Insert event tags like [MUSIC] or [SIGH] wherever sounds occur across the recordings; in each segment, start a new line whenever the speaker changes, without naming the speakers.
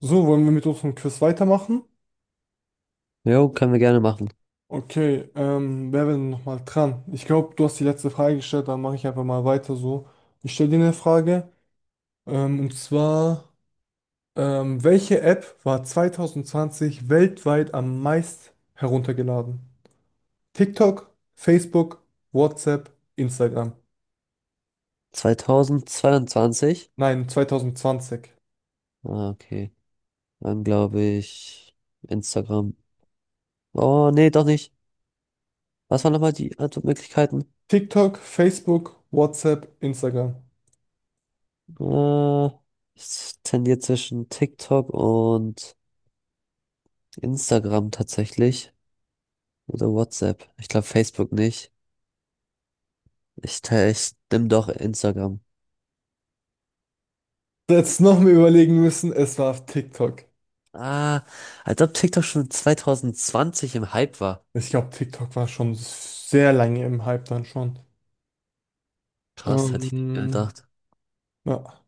So, wollen wir mit unserem Quiz weitermachen?
Jo, können wir gerne machen.
Okay, wer wäre denn nochmal dran? Ich glaube, du hast die letzte Frage gestellt, dann mache ich einfach mal weiter so. Ich stelle dir eine Frage, und zwar, welche App war 2020 weltweit am meist heruntergeladen? TikTok, Facebook, WhatsApp, Instagram.
2022?
Nein, 2020.
Ah, okay. Dann glaube ich Instagram. Oh, nee, doch nicht. Was waren nochmal die Antwortmöglichkeiten?
TikTok, Facebook, WhatsApp, Instagram.
Äh, Ich tendiere zwischen TikTok und Instagram tatsächlich. Oder WhatsApp. Ich glaube Facebook nicht. Ich nehme doch Instagram.
Jetzt noch mal überlegen müssen, es war TikTok.
Ah, als ob TikTok schon 2020 im Hype war.
Ich glaube, TikTok war schon sehr lange im Hype dann schon.
Krass, hätte ich nicht
Ähm,
gedacht.
ja.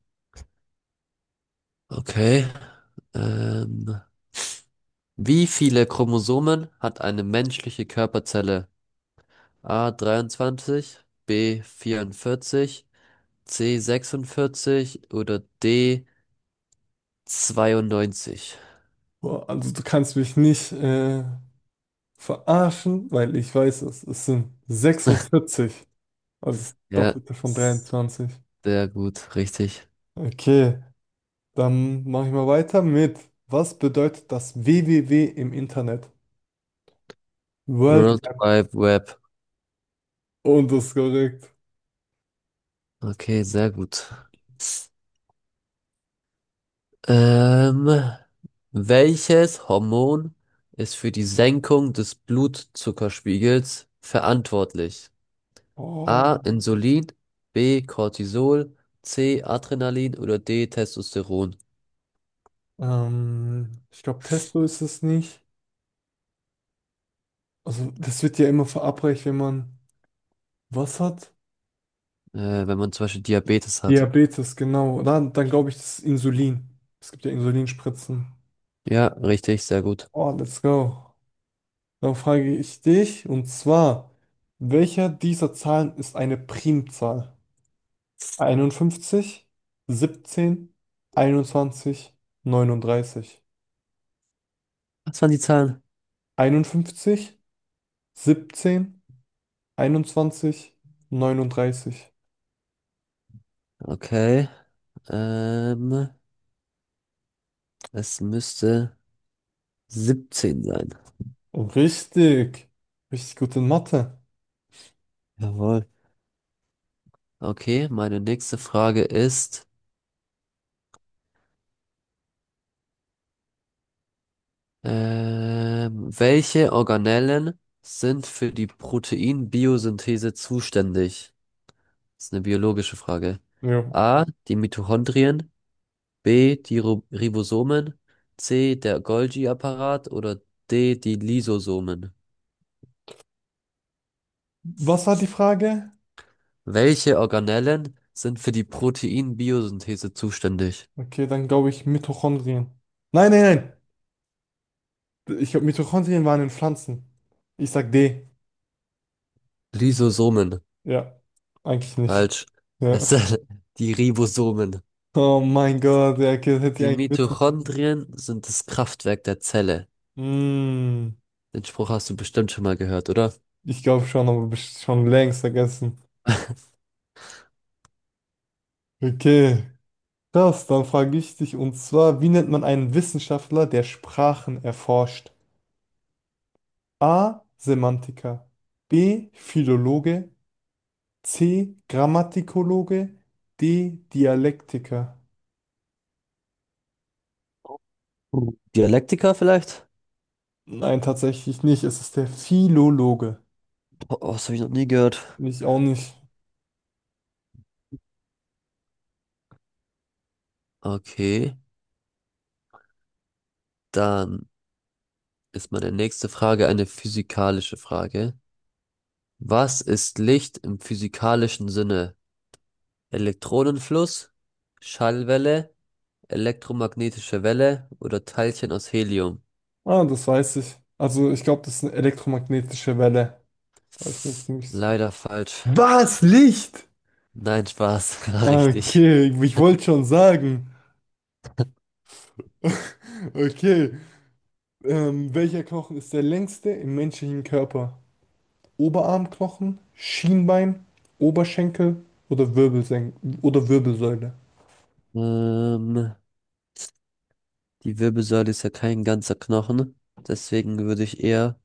Okay. Ähm, Wie viele Chromosomen hat eine menschliche Körperzelle? A 23, B 44, C 46 oder D 92?
Boah, also du kannst mich nicht verarschen, weil ich weiß es. Es sind 46, also das
Ja,
Doppelte von 23.
sehr gut, richtig.
Okay, dann mache ich mal weiter mit. Was bedeutet das www im Internet? World
World Wide Web.
und das ist korrekt.
Okay, sehr gut. Ähm, Welches Hormon ist für die Senkung des Blutzuckerspiegels verantwortlich? A.
Oh.
Insulin, B. Cortisol, C. Adrenalin oder D. Testosteron.
Ich glaube, Testo ist es nicht. Also das wird ja immer verabreicht, wenn man was hat.
Wenn man zum Beispiel Diabetes hat.
Diabetes, genau. Dann glaube ich, das ist Insulin. Es gibt ja Insulinspritzen.
Ja, richtig, sehr gut.
Oh, let's go. Dann frage ich dich, und zwar, welcher dieser Zahlen ist eine Primzahl? 51 17 21 39
Was waren die Zahlen?
51 17 21 neununddreißig.
Okay, ähm, es müsste 17 sein.
Oh, richtig. Richtig gut in Mathe.
Jawohl. Okay, meine nächste Frage ist, welche Organellen sind für die Proteinbiosynthese zuständig? Das ist eine biologische Frage.
Ja.
A, die Mitochondrien, B, die Ribosomen, C, der Golgi-Apparat oder D, die Lysosomen.
Was war die Frage?
Welche Organellen sind für die Proteinbiosynthese zuständig?
Okay, dann glaube ich Mitochondrien. Nein, nein, nein. Ich glaube, Mitochondrien waren in Pflanzen. Ich sag D.
Lysosomen.
Ja, eigentlich nicht.
Falsch. Es
Ja.
sind [LAUGHS] die Ribosomen.
Oh mein Gott, ja, okay, das hätte ich
Die
eigentlich wissen müssen.
Mitochondrien sind das Kraftwerk der Zelle.
Hm,
Den Spruch hast du bestimmt schon mal gehört, oder?
ich glaube schon, aber schon längst vergessen.
[LAUGHS]
Okay, das, dann frage ich dich und zwar, wie nennt man einen Wissenschaftler, der Sprachen erforscht? A. Semantiker. B. Philologe. C. Grammatikologe. D. Dialektiker.
Hm. Dialektiker vielleicht?
Nein, tatsächlich nicht. Es ist der Philologe.
Oh, das habe ich noch nie gehört.
Ich auch nicht.
Okay, dann ist meine nächste Frage eine physikalische Frage. Was ist Licht im physikalischen Sinne? Elektronenfluss, Schallwelle, elektromagnetische Welle oder Teilchen aus Helium?
Ah, das weiß ich. Also ich glaube, das ist eine elektromagnetische Welle. Da hab ich mir ziemlich...
Leider falsch.
Was? Licht?
Nein, Spaß, [LAUGHS] war
Ah,
richtig.
okay, ich wollte schon sagen. [LAUGHS] Okay. Welcher Knochen ist der längste im menschlichen Körper? Oberarmknochen, Schienbein, Oberschenkel oder Wirbelsen oder Wirbelsäule?
Ähm, Die Wirbelsäule ist ja kein ganzer Knochen, deswegen würde ich eher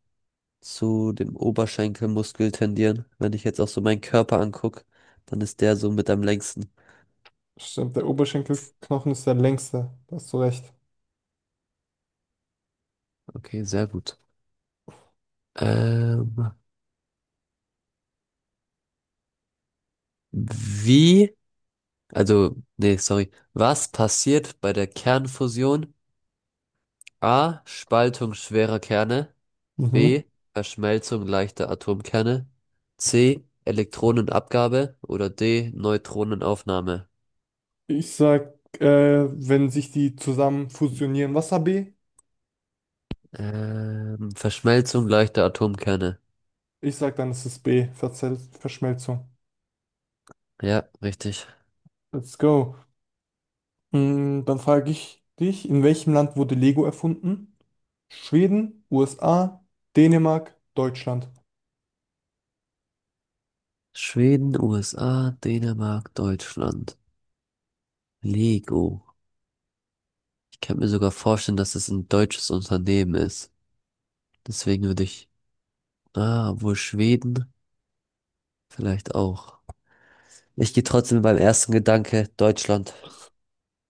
zu dem Oberschenkelmuskel tendieren. Wenn ich jetzt auch so meinen Körper angucke, dann ist der so mit am längsten.
Stimmt, der Oberschenkelknochen ist der längste. Da hast du recht.
Okay, sehr gut. Ähm, wie Also, nee, sorry. Was passiert bei der Kernfusion? A. Spaltung schwerer Kerne.
Mhm.
B. Verschmelzung leichter Atomkerne. C. Elektronenabgabe. Oder D. Neutronenaufnahme.
Ich sag, wenn sich die zusammen fusionieren, Wasser B?
Verschmelzung leichter Atomkerne.
Ich sag dann, es ist B, Verzel Verschmelzung.
Ja, richtig.
Let's go. Mm, dann frage ich dich, in welchem Land wurde Lego erfunden? Schweden, USA, Dänemark, Deutschland.
Schweden, USA, Dänemark, Deutschland. Lego. Ich kann mir sogar vorstellen, dass es ein deutsches Unternehmen ist. Deswegen würde ich wohl Schweden vielleicht auch. Ich gehe trotzdem mit meinem ersten Gedanke Deutschland.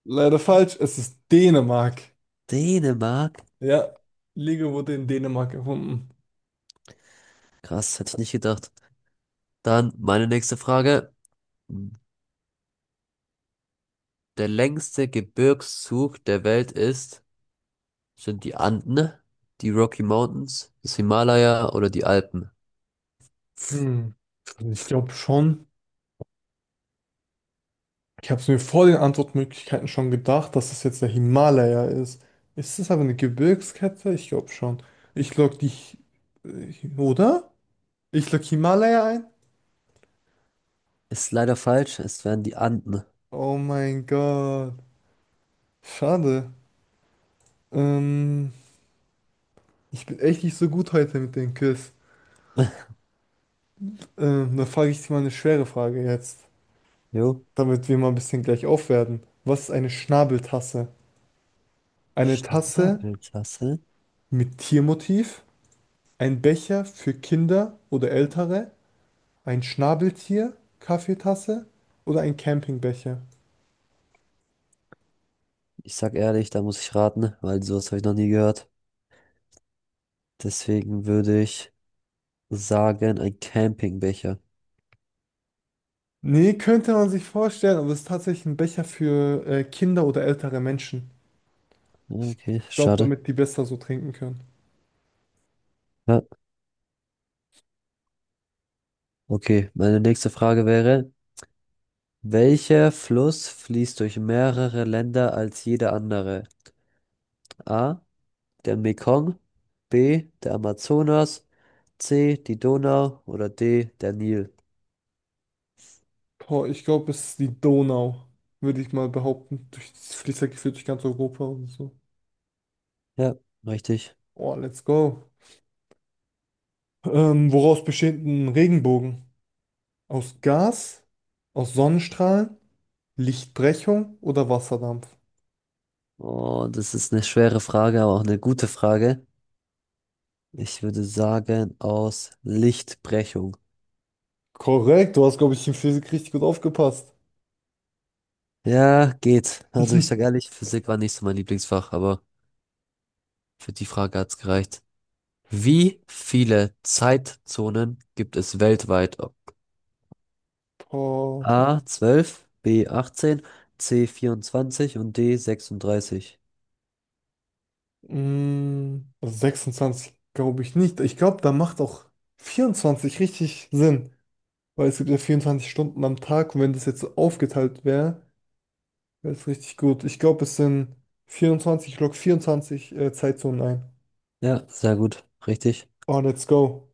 Leider falsch, es ist Dänemark.
Dänemark?
Ja, Lego wurde in Dänemark erfunden.
Krass, hätte ich nicht gedacht. Dann meine nächste Frage. Der längste Gebirgszug der Welt ist, sind die Anden, die Rocky Mountains, das Himalaya oder die Alpen?
Hm. Also ich glaube schon. Ich habe es mir vor den Antwortmöglichkeiten schon gedacht, dass es jetzt der Himalaya ist. Ist es aber eine Gebirgskette? Ich glaube schon. Ich log die, Hi- oder? Ich log Himalaya ein.
Ist leider falsch, es wären die Anden.
Oh mein Gott. Schade. Ähm, ich bin echt nicht so gut heute mit den Quiz. Dann frage ich dich mal eine schwere Frage jetzt,
Jo.
damit wir mal ein bisschen gleich aufwerten. Was ist eine Schnabeltasse? Eine Tasse
Schnabeltassel?
mit Tiermotiv, ein Becher für Kinder oder Ältere, ein Schnabeltier, Kaffeetasse oder ein Campingbecher?
Ich sag ehrlich, da muss ich raten, weil sowas habe ich noch nie gehört. Deswegen würde ich sagen, ein Campingbecher.
Nee, könnte man sich vorstellen, aber es ist tatsächlich ein Becher für Kinder oder ältere Menschen.
Ja,
Ich
okay,
glaube,
schade.
damit die besser so trinken können.
Ja, okay, meine nächste Frage wäre, welcher Fluss fließt durch mehrere Länder als jeder andere? A, der Mekong, B, der Amazonas, C, die Donau oder D, der Nil?
Boah, ich glaube, es ist die Donau, würde ich mal behaupten. Durch, das fließt ja gefühlt durch ganz Europa und so.
Ja, richtig.
Oh, let's go. Woraus besteht ein Regenbogen? Aus Gas, aus Sonnenstrahlen, Lichtbrechung oder Wasserdampf?
Oh, das ist eine schwere Frage, aber auch eine gute Frage. Ich würde sagen, aus Lichtbrechung.
Korrekt, du hast, glaube ich, in Physik richtig gut aufgepasst.
Ja, geht. Also ich sage
[LAUGHS]
ehrlich, Physik war nicht so mein Lieblingsfach, aber für die Frage hat's gereicht. Wie viele Zeitzonen gibt es weltweit?
Boah,
A 12, B 18, C 24 und D 36.
mh, also 26 glaube ich nicht. Ich glaube, da macht auch 24 richtig Sinn, weil es gibt ja 24 Stunden am Tag und wenn das jetzt so aufgeteilt wäre, das ist richtig gut. Ich glaube, es sind 24 ich log 24 Zeitzonen ein.
Ja, sehr gut, richtig.
Oh, let's go.